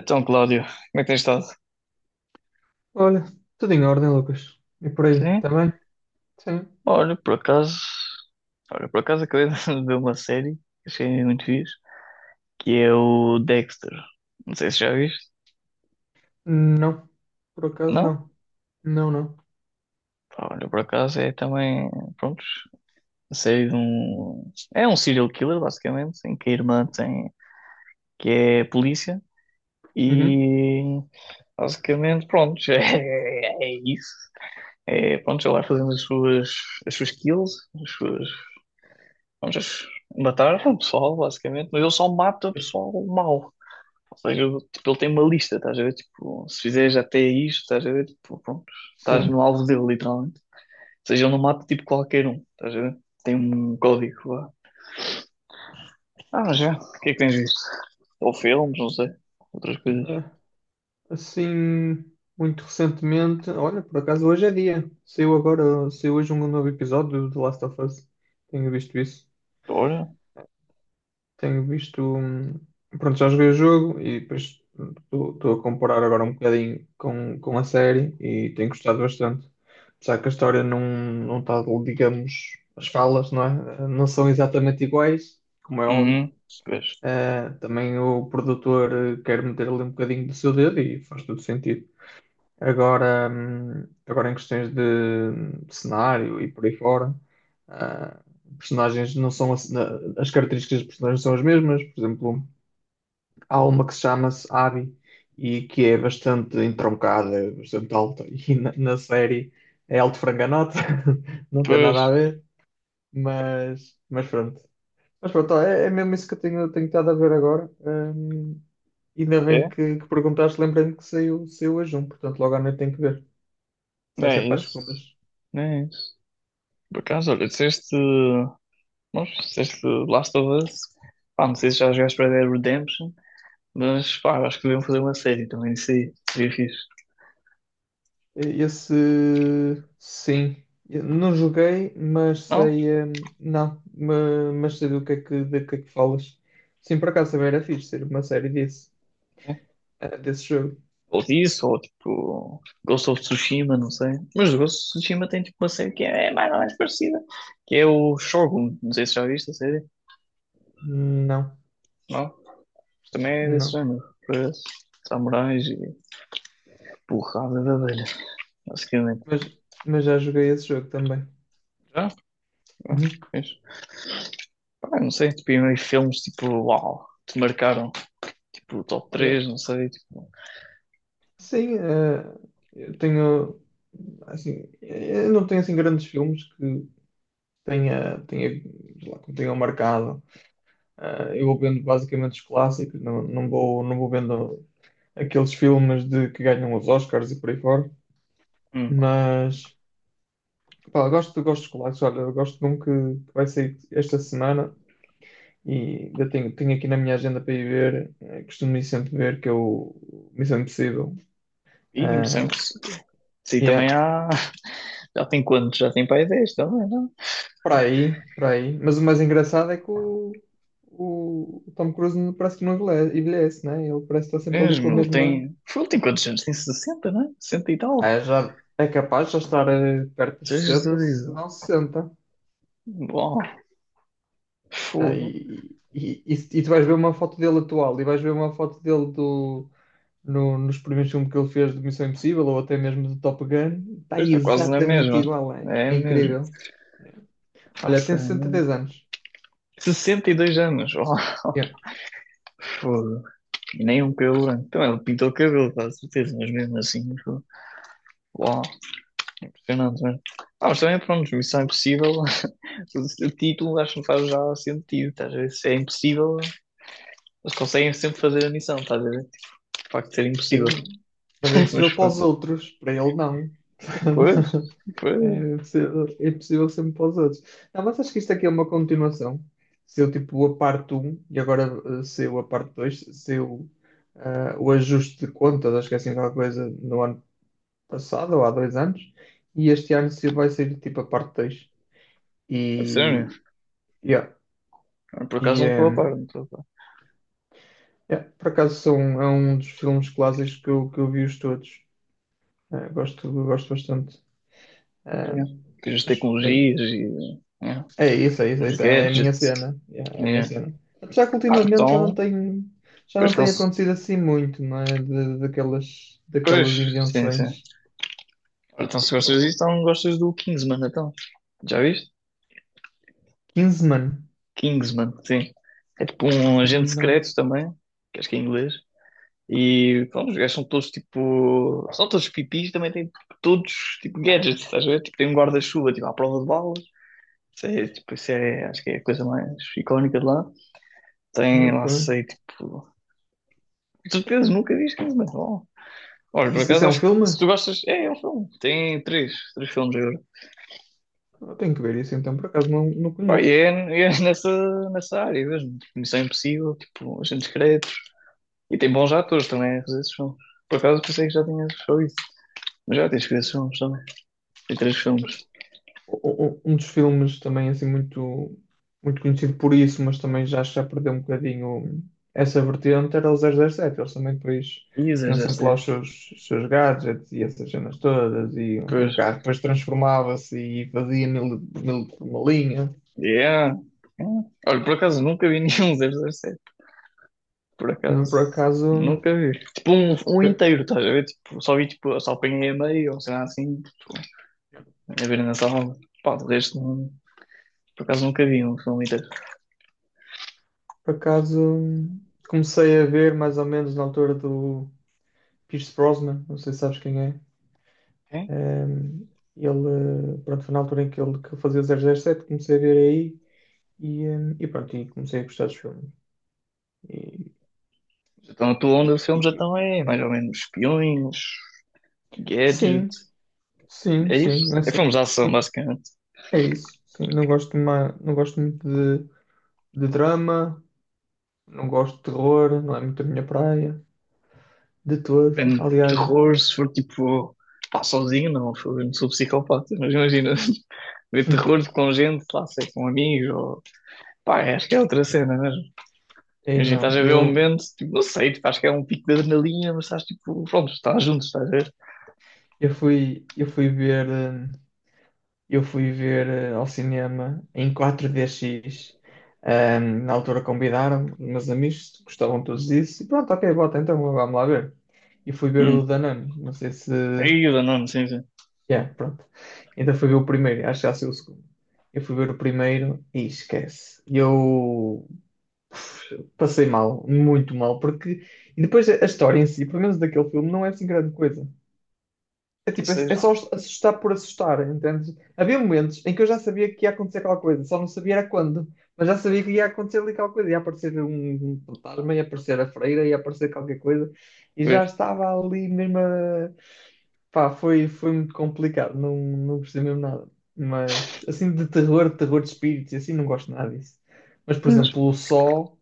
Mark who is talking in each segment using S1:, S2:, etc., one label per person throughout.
S1: Então, Cláudio, como é que tens estado?
S2: Olha, tudo em ordem, Lucas. E por aí,
S1: Sim,
S2: também? Sim.
S1: olha, por acaso, olha, por acaso acabei de ver uma série que achei muito fixe, que é o Dexter. Não sei se já viste,
S2: Não. Por acaso,
S1: não?
S2: não. Não, não.
S1: Pá, olha, por acaso é também, pronto, a série de um. É um serial killer, basicamente, em que a irmã tem. Que é polícia,
S2: Uhum.
S1: e. Basicamente, pronto, é isso. É, pronto, ela vai fazendo as suas kills, as suas. Vamos matar o pessoal, basicamente, mas ele só mata o pessoal mau. Ou seja, tipo, ele tem uma lista, estás a ver? Tipo, se fizeres até isto, estás a ver? Tipo, pronto, estás no
S2: Sim.
S1: alvo dele, literalmente. Ou seja, ele não mata tipo qualquer um, estás a ver? Tem um código lá. Ah, mas já, o que é que tens visto? Ou filmes, não sei, outras coisas.
S2: Ah, assim, muito recentemente. Olha, por acaso, hoje é dia. Saiu agora, saiu hoje um novo episódio do The Last of Us. Tenho visto isso.
S1: Ora,
S2: Tenho visto. Pronto, já joguei o jogo e depois estou a comparar agora um bocadinho com a série e tenho gostado bastante. Apesar que a história não está, digamos, as falas, não é? Não são exatamente iguais, como é óbvio.
S1: uhum, pois,
S2: Também o produtor quer meter ali um bocadinho do seu dedo e faz todo sentido. Agora em questões de cenário e por aí fora, ah, personagens não são as. As características dos personagens são as mesmas. Por exemplo, há uma que se chama-se Abby e que é bastante entroncada, é bastante alta, e na série é alto franganota, não tem
S1: pois,
S2: nada a ver, mas pronto. Mas pronto, é mesmo isso que eu tenho estado a ver agora. Ainda bem
S1: é,
S2: que perguntaste, lembrei-me que saiu hoje um, portanto logo à noite tenho que ver. Será que é
S1: é
S2: para as
S1: isso,
S2: segundas?
S1: é isso. Por acaso, olha, disseste. Mas disseste Last of Us, pá, não sei se já jogaste Red Dead Redemption, mas pá, eu acho que deviam fazer uma série também, isso aí, seria fixe.
S2: Esse, sim. Eu não joguei, mas
S1: Não?
S2: sei. Não, mas sei do que é que falas. Sim, por acaso também era fixe ser uma série desse,
S1: É.
S2: eh, desse jogo.
S1: Ou disso, ou tipo Ghost of Tsushima, não sei. Mas o Ghost of Tsushima tem tipo uma série que é mais ou menos parecida, que é o Shogun, não sei se já viste a série,
S2: Não,
S1: não? Mas também é desse
S2: não.
S1: género, para samurais e porrada de abelhas, basicamente.
S2: Mas já joguei esse jogo também.
S1: Já? Já?
S2: Uhum.
S1: Fixe. Pá, não sei, tipo, e meio filmes tipo, uau, te marcaram, tipo, top 3
S2: Olha,
S1: não sei, tipo.
S2: sim, eu tenho. Assim, eu não tenho assim grandes filmes que tenha, tenha, sei lá, que me tenham marcado. Ah, eu vou vendo basicamente os clássicos, não vou vendo aqueles filmes de, que ganham os Oscars e por aí fora,
S1: Hum.
S2: mas pá, eu gosto dos clássicos. Olha, eu gosto de um que vai sair esta semana e ainda tenho aqui na minha agenda para ir ver, costumo ir sempre ver, que é o Missão Impossível.
S1: Ih,
S2: Ah,
S1: Moçambique. Sim,
S2: e é
S1: também há. Já tem quantos? Já tem para aí 10 também, não?
S2: para aí, para aí. Mas o mais engraçado é que o Tom Cruise parece que não envelhece, envelhece, né? Ele parece que está sempre ali com a
S1: Mesmo, ele
S2: mesma.
S1: tem. Ele tem quantos anos? Tem 60 não é? 60 e tal.
S2: É, já, é capaz de já estar perto dos
S1: Jesus.
S2: 60, se
S1: Isso.
S2: não 60.
S1: Bom,
S2: Ah,
S1: fogo.
S2: e tu vais ver uma foto dele atual e vais ver uma foto dele do, no, nos primeiros filmes que ele fez de Missão Impossível ou até mesmo do Top Gun. Está
S1: Pois está quase na
S2: exatamente
S1: mesma.
S2: igual, é,
S1: É
S2: é
S1: mesmo.
S2: incrível. Olha, tem
S1: Faça.
S2: 63 anos.
S1: 62 anos. Oh,
S2: Yeah.
S1: fogo. E nem um cabelo branco. Então ele pintou o cabelo, com certeza, mas mesmo assim. Fogo. Uau, impressionante, mesmo. Ah, mas também, pronto, missão impossível. O título acho que não faz já sentido, estás a ver? Se é impossível, eles conseguem sempre fazer a missão, estás a ver? Tipo, de facto, ser impossível.
S2: Sim, mas é impossível
S1: Mas
S2: para os
S1: pronto.
S2: outros, para ele não.
S1: Pois, pois.
S2: É possível sempre para os outros. Não, mas acho que isto aqui é uma continuação. Saiu tipo a parte um e agora saiu a parte 2, o ajuste de contas, acho que é assim qualquer coisa, no ano passado ou há dois anos, e este ano vai sair tipo a parte dois.
S1: É sério.
S2: E, yeah.
S1: Por
S2: E,
S1: acaso não estou a par, não estou a par.
S2: yeah, por acaso são, é um dos filmes clássicos que eu vi os todos. Ah, gosto, gosto bastante.
S1: Ah,
S2: Ah,
S1: yeah. Depois as
S2: mas, bem,
S1: tecnologias e yeah.
S2: é isso, é isso, é
S1: Os
S2: isso. É a minha
S1: gadgets.
S2: cena. Yeah, é a minha
S1: Yeah.
S2: cena. Apesar que
S1: Ah,
S2: ultimamente já não
S1: então.
S2: tem, já
S1: Pois,
S2: não
S1: então,
S2: tem
S1: se-
S2: acontecido assim muito, não é? Daquelas
S1: pois, sim, sim.
S2: invenções.
S1: Ora, então, se gostas
S2: Oh,
S1: disso, então gostas do Kingsman, então. Já viste?
S2: Kingsman?
S1: Kingsman, sim. É tipo um agente
S2: Não.
S1: secreto também, que acho que é inglês. E pronto, os gajos são todos tipo. São todos pipis, também têm todos tipo gadgets, estás a ver? Tipo, tem um guarda-chuva tipo, à prova de balas. Isso é, tipo, isso é, acho que é a coisa mais icónica de lá. Tem lá,
S2: Nunca.
S1: sei, tipo. De certeza, nunca vi isso, mas bom. Olha, por
S2: Isso
S1: acaso,
S2: é um
S1: acho que
S2: filme?
S1: se tu gostas. É, é um filme. Tem três filmes agora.
S2: Eu tenho que ver isso então, por acaso não
S1: Pá,
S2: conheço.
S1: e é nessa, nessa área mesmo. Tipo, Missão Impossível, tipo, Agentes Secretos. E tem bons atores também a fazer esses filmes. Por acaso, pensei que já tinhas só isso. Mas já tens que ver esses filmes também. Tem três filmes.
S2: Um dos filmes também assim muito, muito conhecido por isso, mas também já perdeu um bocadinho essa vertente, era o 007. Eles também depois
S1: Isso,
S2: tinham sempre lá os
S1: 007.
S2: seus, os seus gadgets e essas cenas todas, e o
S1: Pois.
S2: carro depois transformava-se e fazia mil, mil por uma linha.
S1: Yeah. Yeah. Olha, por acaso nunca vi nenhum 007. Por
S2: Não,
S1: acaso
S2: por acaso,
S1: nunca vi. Tipo um
S2: eu-
S1: inteiro, estás a ver? Tipo, só vi tipo, só apanhei a meio ou sei lá assim. Tipo, a ver na sala. Pá, de resto, não- por acaso nunca vi um filme inteiro.
S2: por acaso comecei a ver mais ou menos na altura do Pierce Brosnan, não sei se sabes quem é.
S1: Ok.
S2: Um, ele, pronto, foi na altura em que ele que eu fazia 007, comecei a ver aí e, e pronto, e comecei a gostar dos filmes. E,
S1: Então a tua onda
S2: e-
S1: de filmes
S2: e-
S1: então é mais ou menos espiões,
S2: sim,
S1: gadget.
S2: sim,
S1: É
S2: sim,
S1: isso? É
S2: nessa,
S1: filmes de ação,
S2: sim,
S1: basicamente.
S2: é isso. Sim, não gosto muito de, de drama, não gosto de terror, não é muito a minha praia, de todo.
S1: Depende de
S2: Aliás,
S1: terror, se for tipo, pá, sozinho, não, fogo, eu não sou psicopata, mas imagina, ver terror com gente, lá, sei, com amigos, ou, pá, é, acho que é outra cena mesmo.
S2: aí
S1: Imagina,
S2: não,
S1: estás a ver um
S2: eu,
S1: momento, tipo, não sei, tipo, acho que é um pico de adrenalina, mas estás tipo, pronto, estás junto, estás a ver?
S2: eu fui, eu fui ver. Eu fui ver ao cinema em 4DX. Na altura convidaram os meus amigos, gostavam todos disso. E pronto, ok, bota, então vamos lá ver. E fui ver o
S1: Hum,
S2: Danone. Não sei se.
S1: aí, não, sim,
S2: Yeah, pronto. Então fui ver o primeiro, acho que já saiu o segundo. Eu fui ver o primeiro e esquece. Eu puf, passei mal, muito mal, porque. E depois a história em si, pelo menos daquele filme, não é assim grande coisa. É tipo, é,
S1: isso é
S2: é só assustar por assustar, entende? Havia momentos em que eu já sabia que ia acontecer aquela coisa, só não sabia era quando, mas já sabia que ia acontecer ali aquela coisa, ia aparecer um fantasma, ia aparecer a freira, ia aparecer qualquer coisa, e já
S1: ver,
S2: estava ali mesmo a... Pá, foi muito complicado, não gostei mesmo nada. Mas, assim, de terror, terror de espíritos, e assim, não gosto nada disso. Mas, por
S1: mas
S2: exemplo, o Sol,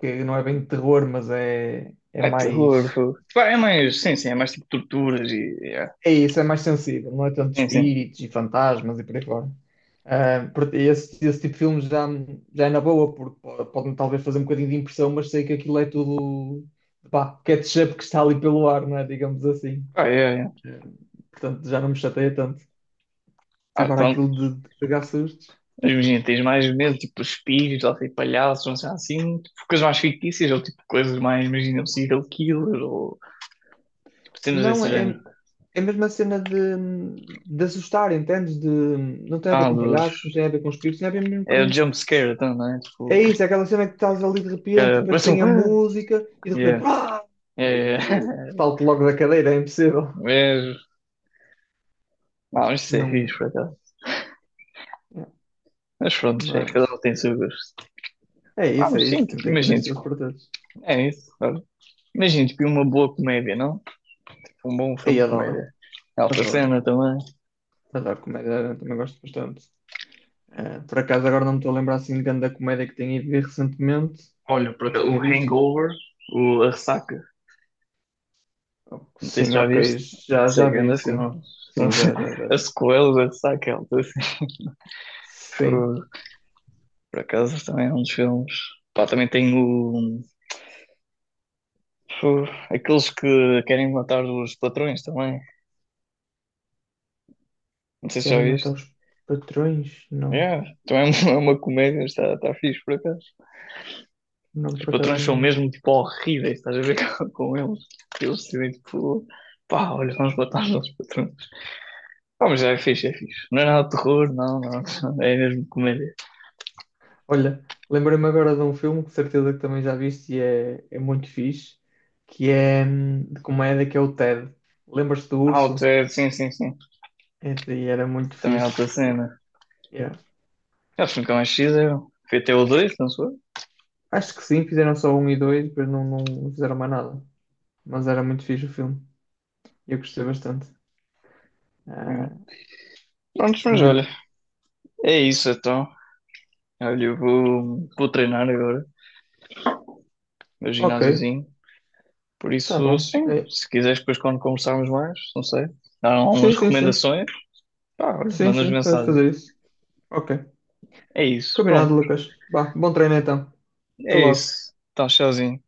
S2: que não é bem de terror, mas é
S1: é terror,
S2: mais.
S1: fogo. Pá, é mais, sim, é mais tipo torturas e, yeah.
S2: É isso, é mais sensível, não é tanto
S1: Sim, sim.
S2: espíritos e fantasmas e por aí fora. Ah, esse tipo de filmes já é na boa, porque pode-me talvez fazer um bocadinho de impressão, mas sei que aquilo é tudo pá, ketchup que está ali pelo ar, não é? Digamos assim.
S1: Ah, é yeah.
S2: Eh, Portanto, já não me chateia tanto.
S1: Ah,
S2: Agora
S1: então.
S2: aquilo de pegar sustos.
S1: Imagina, tens mais medo, tipo, espíritos, ou tipo, palhaços, não sei, assim, tipo, coisas mais fictícias, ou tipo, coisas mais, imagina, um serial killer, ou tipo, cenas
S2: Não,
S1: desse
S2: é,
S1: género.
S2: é mesmo a cena de assustar, entendes? De, não tem a ver
S1: Ah,
S2: com
S1: dos...
S2: palhaços, não tem a ver com espíritos, tem a ver mesmo
S1: É o
S2: com.
S1: jump scare, então, não é? Tipo,
S2: É isso, é aquela cena que estás ali de repente,
S1: é,
S2: depois
S1: parece um...
S2: tem a música e de repente.
S1: Yeah,
S2: Ah!
S1: yeah,
S2: Aí eu
S1: yeah.
S2: salto logo da cadeira, é impossível.
S1: Mas, não, isso é
S2: Não,
S1: fixe, por acaso.
S2: é,
S1: Mas pronto, é, cada um
S2: mas.
S1: tem o seu gosto.
S2: É
S1: Ah,
S2: isso, é
S1: mas sim,
S2: isso.
S1: tipo,
S2: Tentei caber
S1: imagina,
S2: estilos
S1: tipo,
S2: para todos.
S1: é isso, sabe? Imagina, tipo, uma boa comédia, não? Tipo, um bom
S2: Aí
S1: filme de
S2: adoro,
S1: comédia. Alta
S2: adoro.
S1: cena também.
S2: Adoro comédia, também gosto bastante. Por acaso agora não me estou a lembrar assim de grande da comédia que tenha ido ver recentemente,
S1: Olha, por
S2: ou que
S1: acaso, o
S2: tenha visto.
S1: Hangover, o, a ressaca.
S2: Oh,
S1: Não sei se
S2: sim,
S1: já
S2: ok,
S1: viste.
S2: já
S1: Sei que
S2: vi,
S1: ainda
S2: sim.
S1: filme.
S2: Sim,
S1: Mas-
S2: já
S1: a
S2: vi.
S1: sequela da Saquel.
S2: Sim.
S1: Por acaso também é um dos filmes. Pá, também tem o. Fu, aqueles que querem matar os patrões também. Não sei se já
S2: Querem matar
S1: viste.
S2: os patrões? Não,
S1: Yeah, também é uma comédia, está, está fixe por acaso.
S2: não,
S1: Os
S2: por
S1: patrões
S2: acaso
S1: são
S2: não.
S1: mesmo tipo horríveis, estás a ver com eles. Eles decidem tipo, pá, olha, vamos matar os nossos patrões. Ah, mas é fixe, é fixe. Não é nada de terror, não, não. É mesmo comédia.
S2: Olha, lembrei-me agora de um filme que de certeza que também já viste e é muito fixe, que é de comédia, que é o Ted. Lembras-te do
S1: Ah, o
S2: urso?
S1: Ted, sim, sim, sim.
S2: É, e era muito
S1: Também é outra
S2: fixe.
S1: cena.
S2: Yeah.
S1: Eu fui com a X, eu fui até o 2, não sou?
S2: Acho que sim, fizeram só 1 e 2, depois não fizeram mais nada. Mas era muito fixe o filme. Eu gostei bastante.
S1: É.
S2: Ah,
S1: Prontos, mas
S2: de...
S1: olha, é isso então. Olha, eu vou, vou treinar agora, meu
S2: Ok,
S1: ginásiozinho. Por
S2: tá
S1: isso,
S2: bom.
S1: sim,
S2: É,
S1: se quiseres depois quando conversarmos mais, não sei, dar
S2: sim,
S1: umas
S2: sim, sim.
S1: recomendações, pá, olha,
S2: Sim,
S1: mandas
S2: sim, podes
S1: mensagem.
S2: fazer isso. Ok.
S1: É isso, pronto,
S2: Combinado, Lucas. Vá, bom treino então. Até
S1: é
S2: logo.
S1: isso. Então, tchauzinho.